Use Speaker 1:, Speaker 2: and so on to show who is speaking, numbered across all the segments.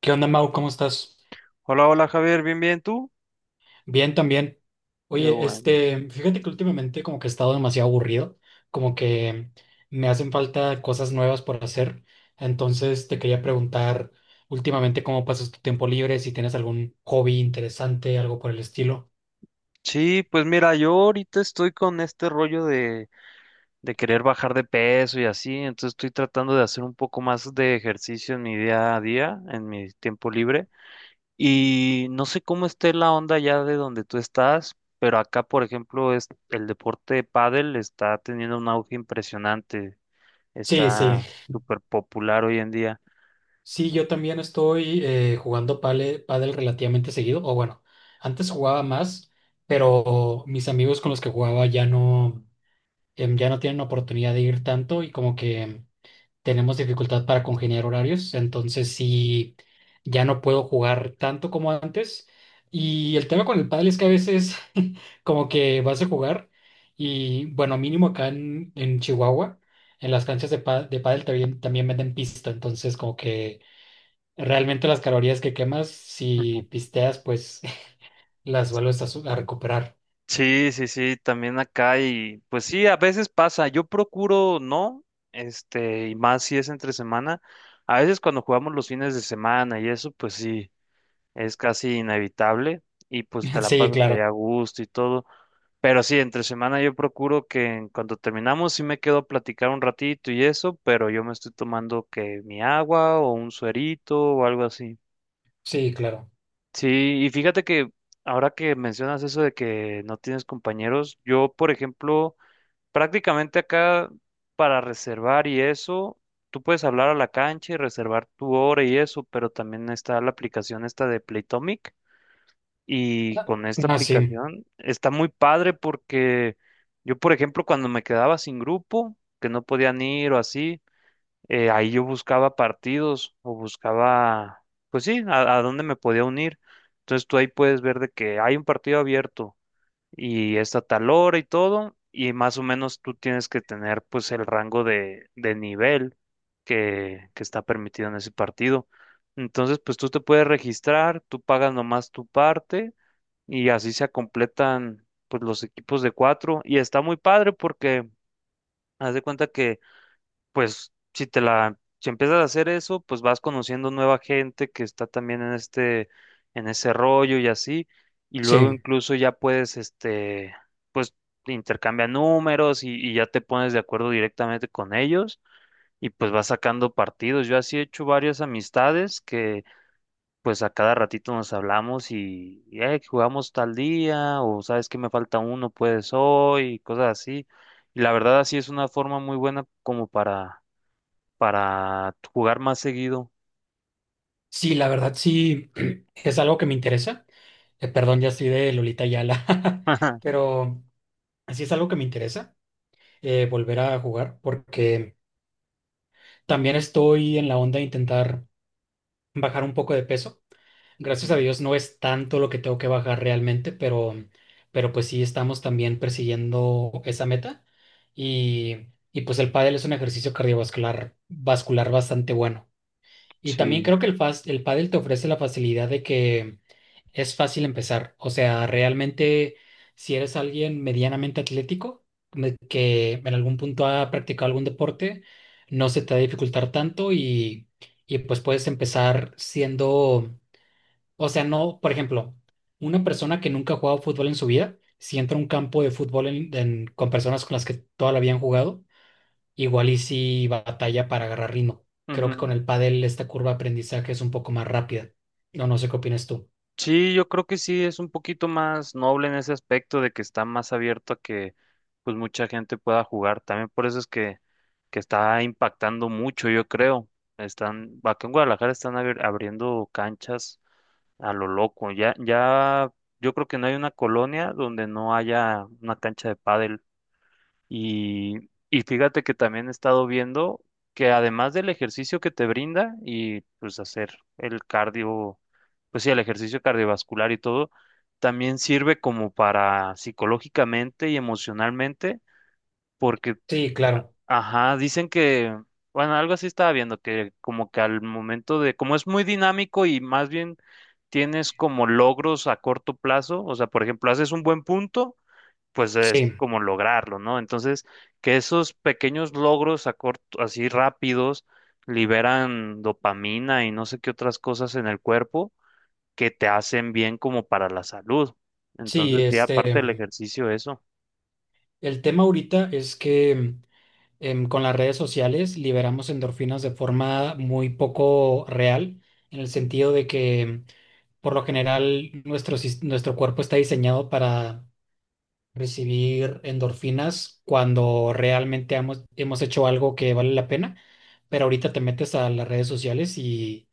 Speaker 1: ¿Qué onda, Mau? ¿Cómo estás?
Speaker 2: Hola, hola Javier, bien, bien, ¿tú?
Speaker 1: Bien, también.
Speaker 2: Qué
Speaker 1: Oye,
Speaker 2: bueno.
Speaker 1: fíjate que últimamente como que he estado demasiado aburrido, como que me hacen falta cosas nuevas por hacer. Entonces te quería preguntar últimamente cómo pasas tu tiempo libre, si tienes algún hobby interesante, algo por el estilo.
Speaker 2: Sí, pues mira, yo ahorita estoy con este rollo de querer bajar de peso y así, entonces estoy tratando de hacer un poco más de ejercicio en mi día a día, en mi tiempo libre. Y no sé cómo esté la onda ya de donde tú estás, pero acá, por ejemplo, es el deporte de pádel está teniendo un auge impresionante,
Speaker 1: Sí, sí.
Speaker 2: está súper popular hoy en día.
Speaker 1: Sí, yo también estoy jugando pádel relativamente seguido, o bueno, antes jugaba más, pero mis amigos con los que jugaba ya no, ya no tienen oportunidad de ir tanto y como que tenemos dificultad para congeniar horarios, entonces sí, ya no puedo jugar tanto como antes. Y el tema con el pádel es que a veces como que vas a jugar y bueno, mínimo acá en Chihuahua, en las canchas de, de pádel también, también venden pista, entonces como que realmente las calorías que quemas, si pisteas, pues las vuelves a, a recuperar.
Speaker 2: Sí, sí, sí, también acá y pues sí, a veces pasa, yo procuro no, y más si es entre semana, a veces cuando jugamos los fines de semana y eso, pues sí, es casi inevitable y pues te la
Speaker 1: Sí,
Speaker 2: pasas allá
Speaker 1: claro,
Speaker 2: a gusto y todo, pero sí, entre semana yo procuro que en cuanto terminamos sí me quedo a platicar un ratito y eso, pero yo me estoy tomando que mi agua o un suerito o algo así.
Speaker 1: sí, claro.
Speaker 2: Sí, y fíjate que ahora que mencionas eso de que no tienes compañeros, yo, por ejemplo, prácticamente acá para reservar y eso, tú puedes hablar a la cancha y reservar tu hora y eso, pero también está la aplicación esta de Playtomic y con esta
Speaker 1: Ah, sí,
Speaker 2: aplicación está muy padre porque yo, por ejemplo, cuando me quedaba sin grupo, que no podían ir o así, ahí yo buscaba partidos o buscaba, pues sí, a dónde me podía unir. Entonces tú ahí puedes ver de que hay un partido abierto y está tal hora y todo, y más o menos tú tienes que tener pues el rango de nivel que está permitido en ese partido. Entonces pues tú te puedes registrar, tú pagas nomás tu parte y así se completan pues los equipos de cuatro y está muy padre porque haz de cuenta que pues si te la, si empiezas a hacer eso, pues vas conociendo nueva gente que está también en este, en ese rollo y así, y luego
Speaker 1: sí.
Speaker 2: incluso ya puedes, pues intercambia números y ya te pones de acuerdo directamente con ellos y pues vas sacando partidos. Yo así he hecho varias amistades que pues a cada ratito nos hablamos y, jugamos tal día o sabes que me falta uno, puedes hoy y cosas así. Y la verdad así es una forma muy buena como para jugar más seguido.
Speaker 1: Sí, la verdad sí es algo que me interesa. Perdón, ya estoy de Lolita Ayala, pero así es algo que me interesa, volver a jugar, porque también estoy en la onda de intentar bajar un poco de peso. Gracias a
Speaker 2: Ujú.
Speaker 1: Dios no es tanto lo que tengo que bajar realmente, pero pues sí estamos también persiguiendo esa meta y pues el pádel es un ejercicio cardiovascular vascular bastante bueno. Y también
Speaker 2: Sí.
Speaker 1: creo que el pádel te ofrece la facilidad de que es fácil empezar. O sea, realmente si eres alguien medianamente atlético, que en algún punto ha practicado algún deporte, no se te va a dificultar tanto y pues puedes empezar siendo, o sea, no, por ejemplo, una persona que nunca ha jugado fútbol en su vida, si entra a un campo de fútbol con personas con las que toda la habían jugado, igual y si batalla para agarrar ritmo. Creo que
Speaker 2: Ujú.
Speaker 1: con el pádel esta curva de aprendizaje es un poco más rápida. No, no sé qué opinas tú.
Speaker 2: Sí, yo creo que sí es un poquito más noble en ese aspecto de que está más abierto a que pues mucha gente pueda jugar. También por eso es que está impactando mucho, yo creo. Están, acá en Guadalajara están abriendo canchas a lo loco. Ya, ya, yo creo que no hay una colonia donde no haya una cancha de pádel. Y fíjate que también he estado viendo que además del ejercicio que te brinda y pues hacer el cardio, pues sí, el ejercicio cardiovascular y todo, también sirve como para psicológicamente y emocionalmente, porque,
Speaker 1: Sí, claro.
Speaker 2: ajá, dicen que, bueno, algo así estaba viendo, que como que al momento de, como es muy dinámico y más bien tienes como logros a corto plazo, o sea, por ejemplo, haces un buen punto pues es
Speaker 1: Sí,
Speaker 2: como lograrlo, ¿no? Entonces, que esos pequeños logros así rápidos liberan dopamina y no sé qué otras cosas en el cuerpo que te hacen bien como para la salud.
Speaker 1: sí,
Speaker 2: Entonces, sí, aparte del ejercicio, eso.
Speaker 1: el tema ahorita es que con las redes sociales liberamos endorfinas de forma muy poco real, en el sentido de que por lo general nuestro cuerpo está diseñado para recibir endorfinas cuando realmente hemos hecho algo que vale la pena, pero ahorita te metes a las redes sociales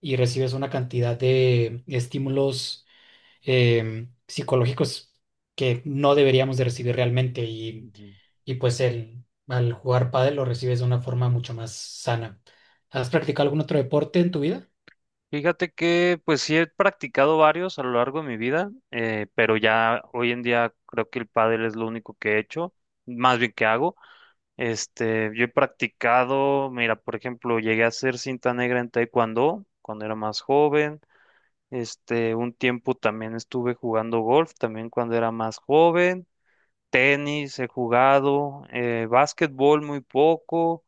Speaker 1: y recibes una cantidad de estímulos psicológicos que no deberíamos de recibir realmente
Speaker 2: Ujú.
Speaker 1: y pues el, al jugar pádel lo recibes de una forma mucho más sana. ¿Has practicado algún otro deporte en tu vida?
Speaker 2: Fíjate que pues sí he practicado varios a lo largo de mi vida, pero ya hoy en día creo que el pádel es lo único que he hecho, más bien que hago. Yo he practicado, mira, por ejemplo, llegué a ser cinta negra en taekwondo cuando era más joven. Un tiempo también estuve jugando golf, también cuando era más joven. Tenis he jugado, básquetbol muy poco,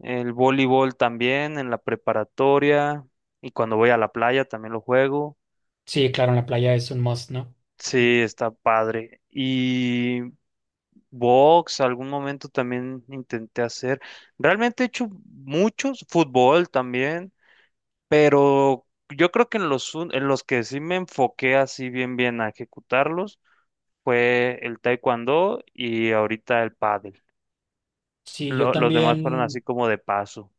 Speaker 2: el voleibol también en la preparatoria y cuando voy a la playa también lo juego.
Speaker 1: Sí, claro, en la playa es un must, ¿no?
Speaker 2: Sí, está padre. Y Box, algún momento también intenté hacer. Realmente he hecho muchos, fútbol también, pero yo creo que en los, en los que sí me enfoqué así bien bien a ejecutarlos fue el taekwondo y ahorita el pádel.
Speaker 1: Sí, yo
Speaker 2: Los demás fueron así
Speaker 1: también.
Speaker 2: como de paso.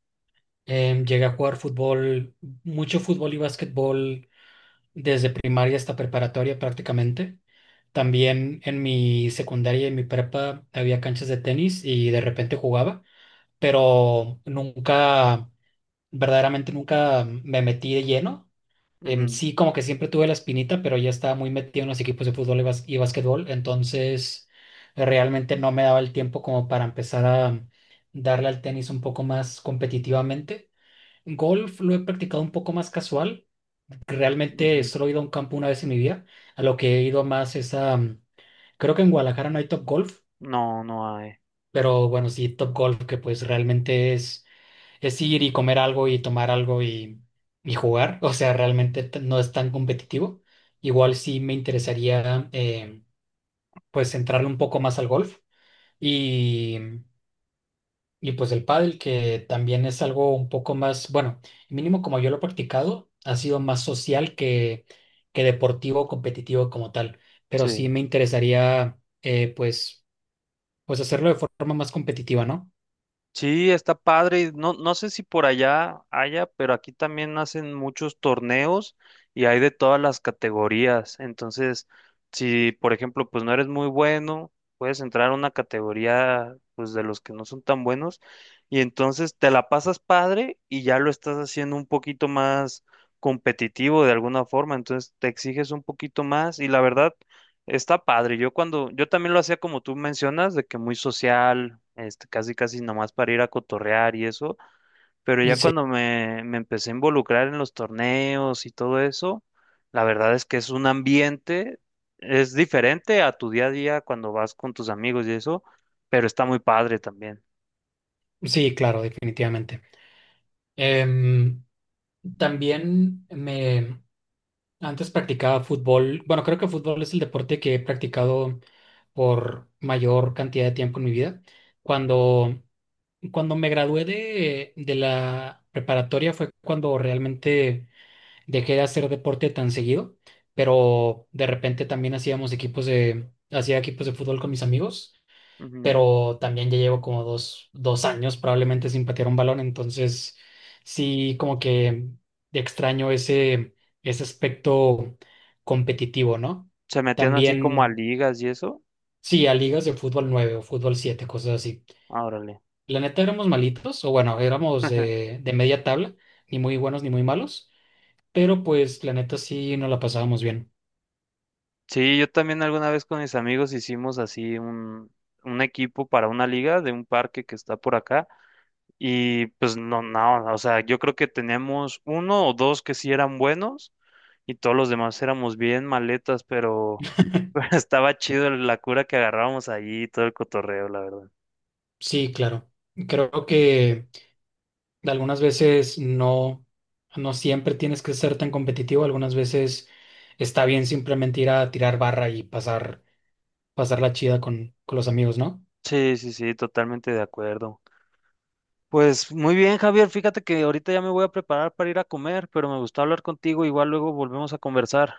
Speaker 1: Llegué a jugar fútbol, mucho fútbol y básquetbol desde primaria hasta preparatoria prácticamente. También en mi secundaria y en mi prepa había canchas de tenis y de repente jugaba, pero nunca, verdaderamente nunca me metí de lleno.
Speaker 2: Ujú,
Speaker 1: Sí, como que siempre tuve la espinita, pero ya estaba muy metido en los equipos de fútbol y, y básquetbol, entonces realmente no me daba el tiempo como para empezar a darle al tenis un poco más competitivamente. Golf lo he practicado un poco más casual. Realmente
Speaker 2: ujú.
Speaker 1: solo he ido a un campo una vez en mi vida. A lo que he ido más es a... creo que en Guadalajara no hay Top Golf,
Speaker 2: No, no hay.
Speaker 1: pero bueno, sí, Top Golf, que pues realmente es ir y comer algo y tomar algo y jugar. O sea, realmente no es tan competitivo. Igual sí me interesaría pues centrarle un poco más al golf. Y y pues el pádel, que también es algo un poco más, bueno, mínimo como yo lo he practicado, ha sido más social que deportivo o competitivo como tal. Pero sí
Speaker 2: Sí.
Speaker 1: me interesaría, pues, pues hacerlo de forma más competitiva, ¿no?
Speaker 2: Sí, está padre. No, no sé si por allá haya, pero aquí también hacen muchos torneos y hay de todas las categorías. Entonces, si por ejemplo, pues no eres muy bueno, puedes entrar a una categoría pues de los que no son tan buenos y entonces te la pasas padre y ya lo estás haciendo un poquito más competitivo de alguna forma. Entonces, te exiges un poquito más y la verdad está padre. Yo cuando, yo también lo hacía como tú mencionas, de que muy social, casi casi nomás para ir a cotorrear y eso, pero ya
Speaker 1: Sí,
Speaker 2: cuando me empecé a involucrar en los torneos y todo eso, la verdad es que es un ambiente, es diferente a tu día a día cuando vas con tus amigos y eso, pero está muy padre también.
Speaker 1: sí, claro, definitivamente. Em, también antes practicaba fútbol. Bueno, creo que fútbol es el deporte que he practicado por mayor cantidad de tiempo en mi vida. Cuando cuando me gradué de la preparatoria fue cuando realmente dejé de hacer deporte tan seguido, pero de repente también hacíamos equipos de, hacía equipos de fútbol con mis amigos,
Speaker 2: Ujú.
Speaker 1: pero también ya llevo como dos años probablemente sin patear un balón, entonces sí como que extraño ese aspecto competitivo, ¿no?
Speaker 2: Se metían así como a
Speaker 1: También
Speaker 2: ligas y eso.
Speaker 1: sí a ligas de fútbol 9, o fútbol 7, cosas así.
Speaker 2: Ah, órale.
Speaker 1: La neta éramos malitos, o bueno, éramos de media tabla, ni muy buenos ni muy malos, pero pues la neta sí nos la pasábamos bien.
Speaker 2: Sí, yo también alguna vez con mis amigos hicimos así un equipo para una liga de un parque que está por acá y pues no, no, o sea, yo creo que teníamos uno o dos que sí eran buenos y todos los demás éramos bien maletas, pero, pero estaba chido la cura que agarrábamos allí y todo el cotorreo, la verdad.
Speaker 1: Sí, claro. Creo que algunas veces no, no siempre tienes que ser tan competitivo, algunas veces está bien simplemente ir a tirar barra y pasar la chida con los amigos, ¿no?
Speaker 2: Sí, sí, sí, totalmente de acuerdo. Pues muy bien, Javier, fíjate que ahorita ya me voy a preparar para ir a comer, pero me gustó hablar contigo, igual luego volvemos a conversar.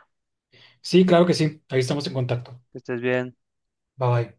Speaker 1: Sí, claro que sí, ahí estamos en contacto.
Speaker 2: Que estés bien.
Speaker 1: Bye bye.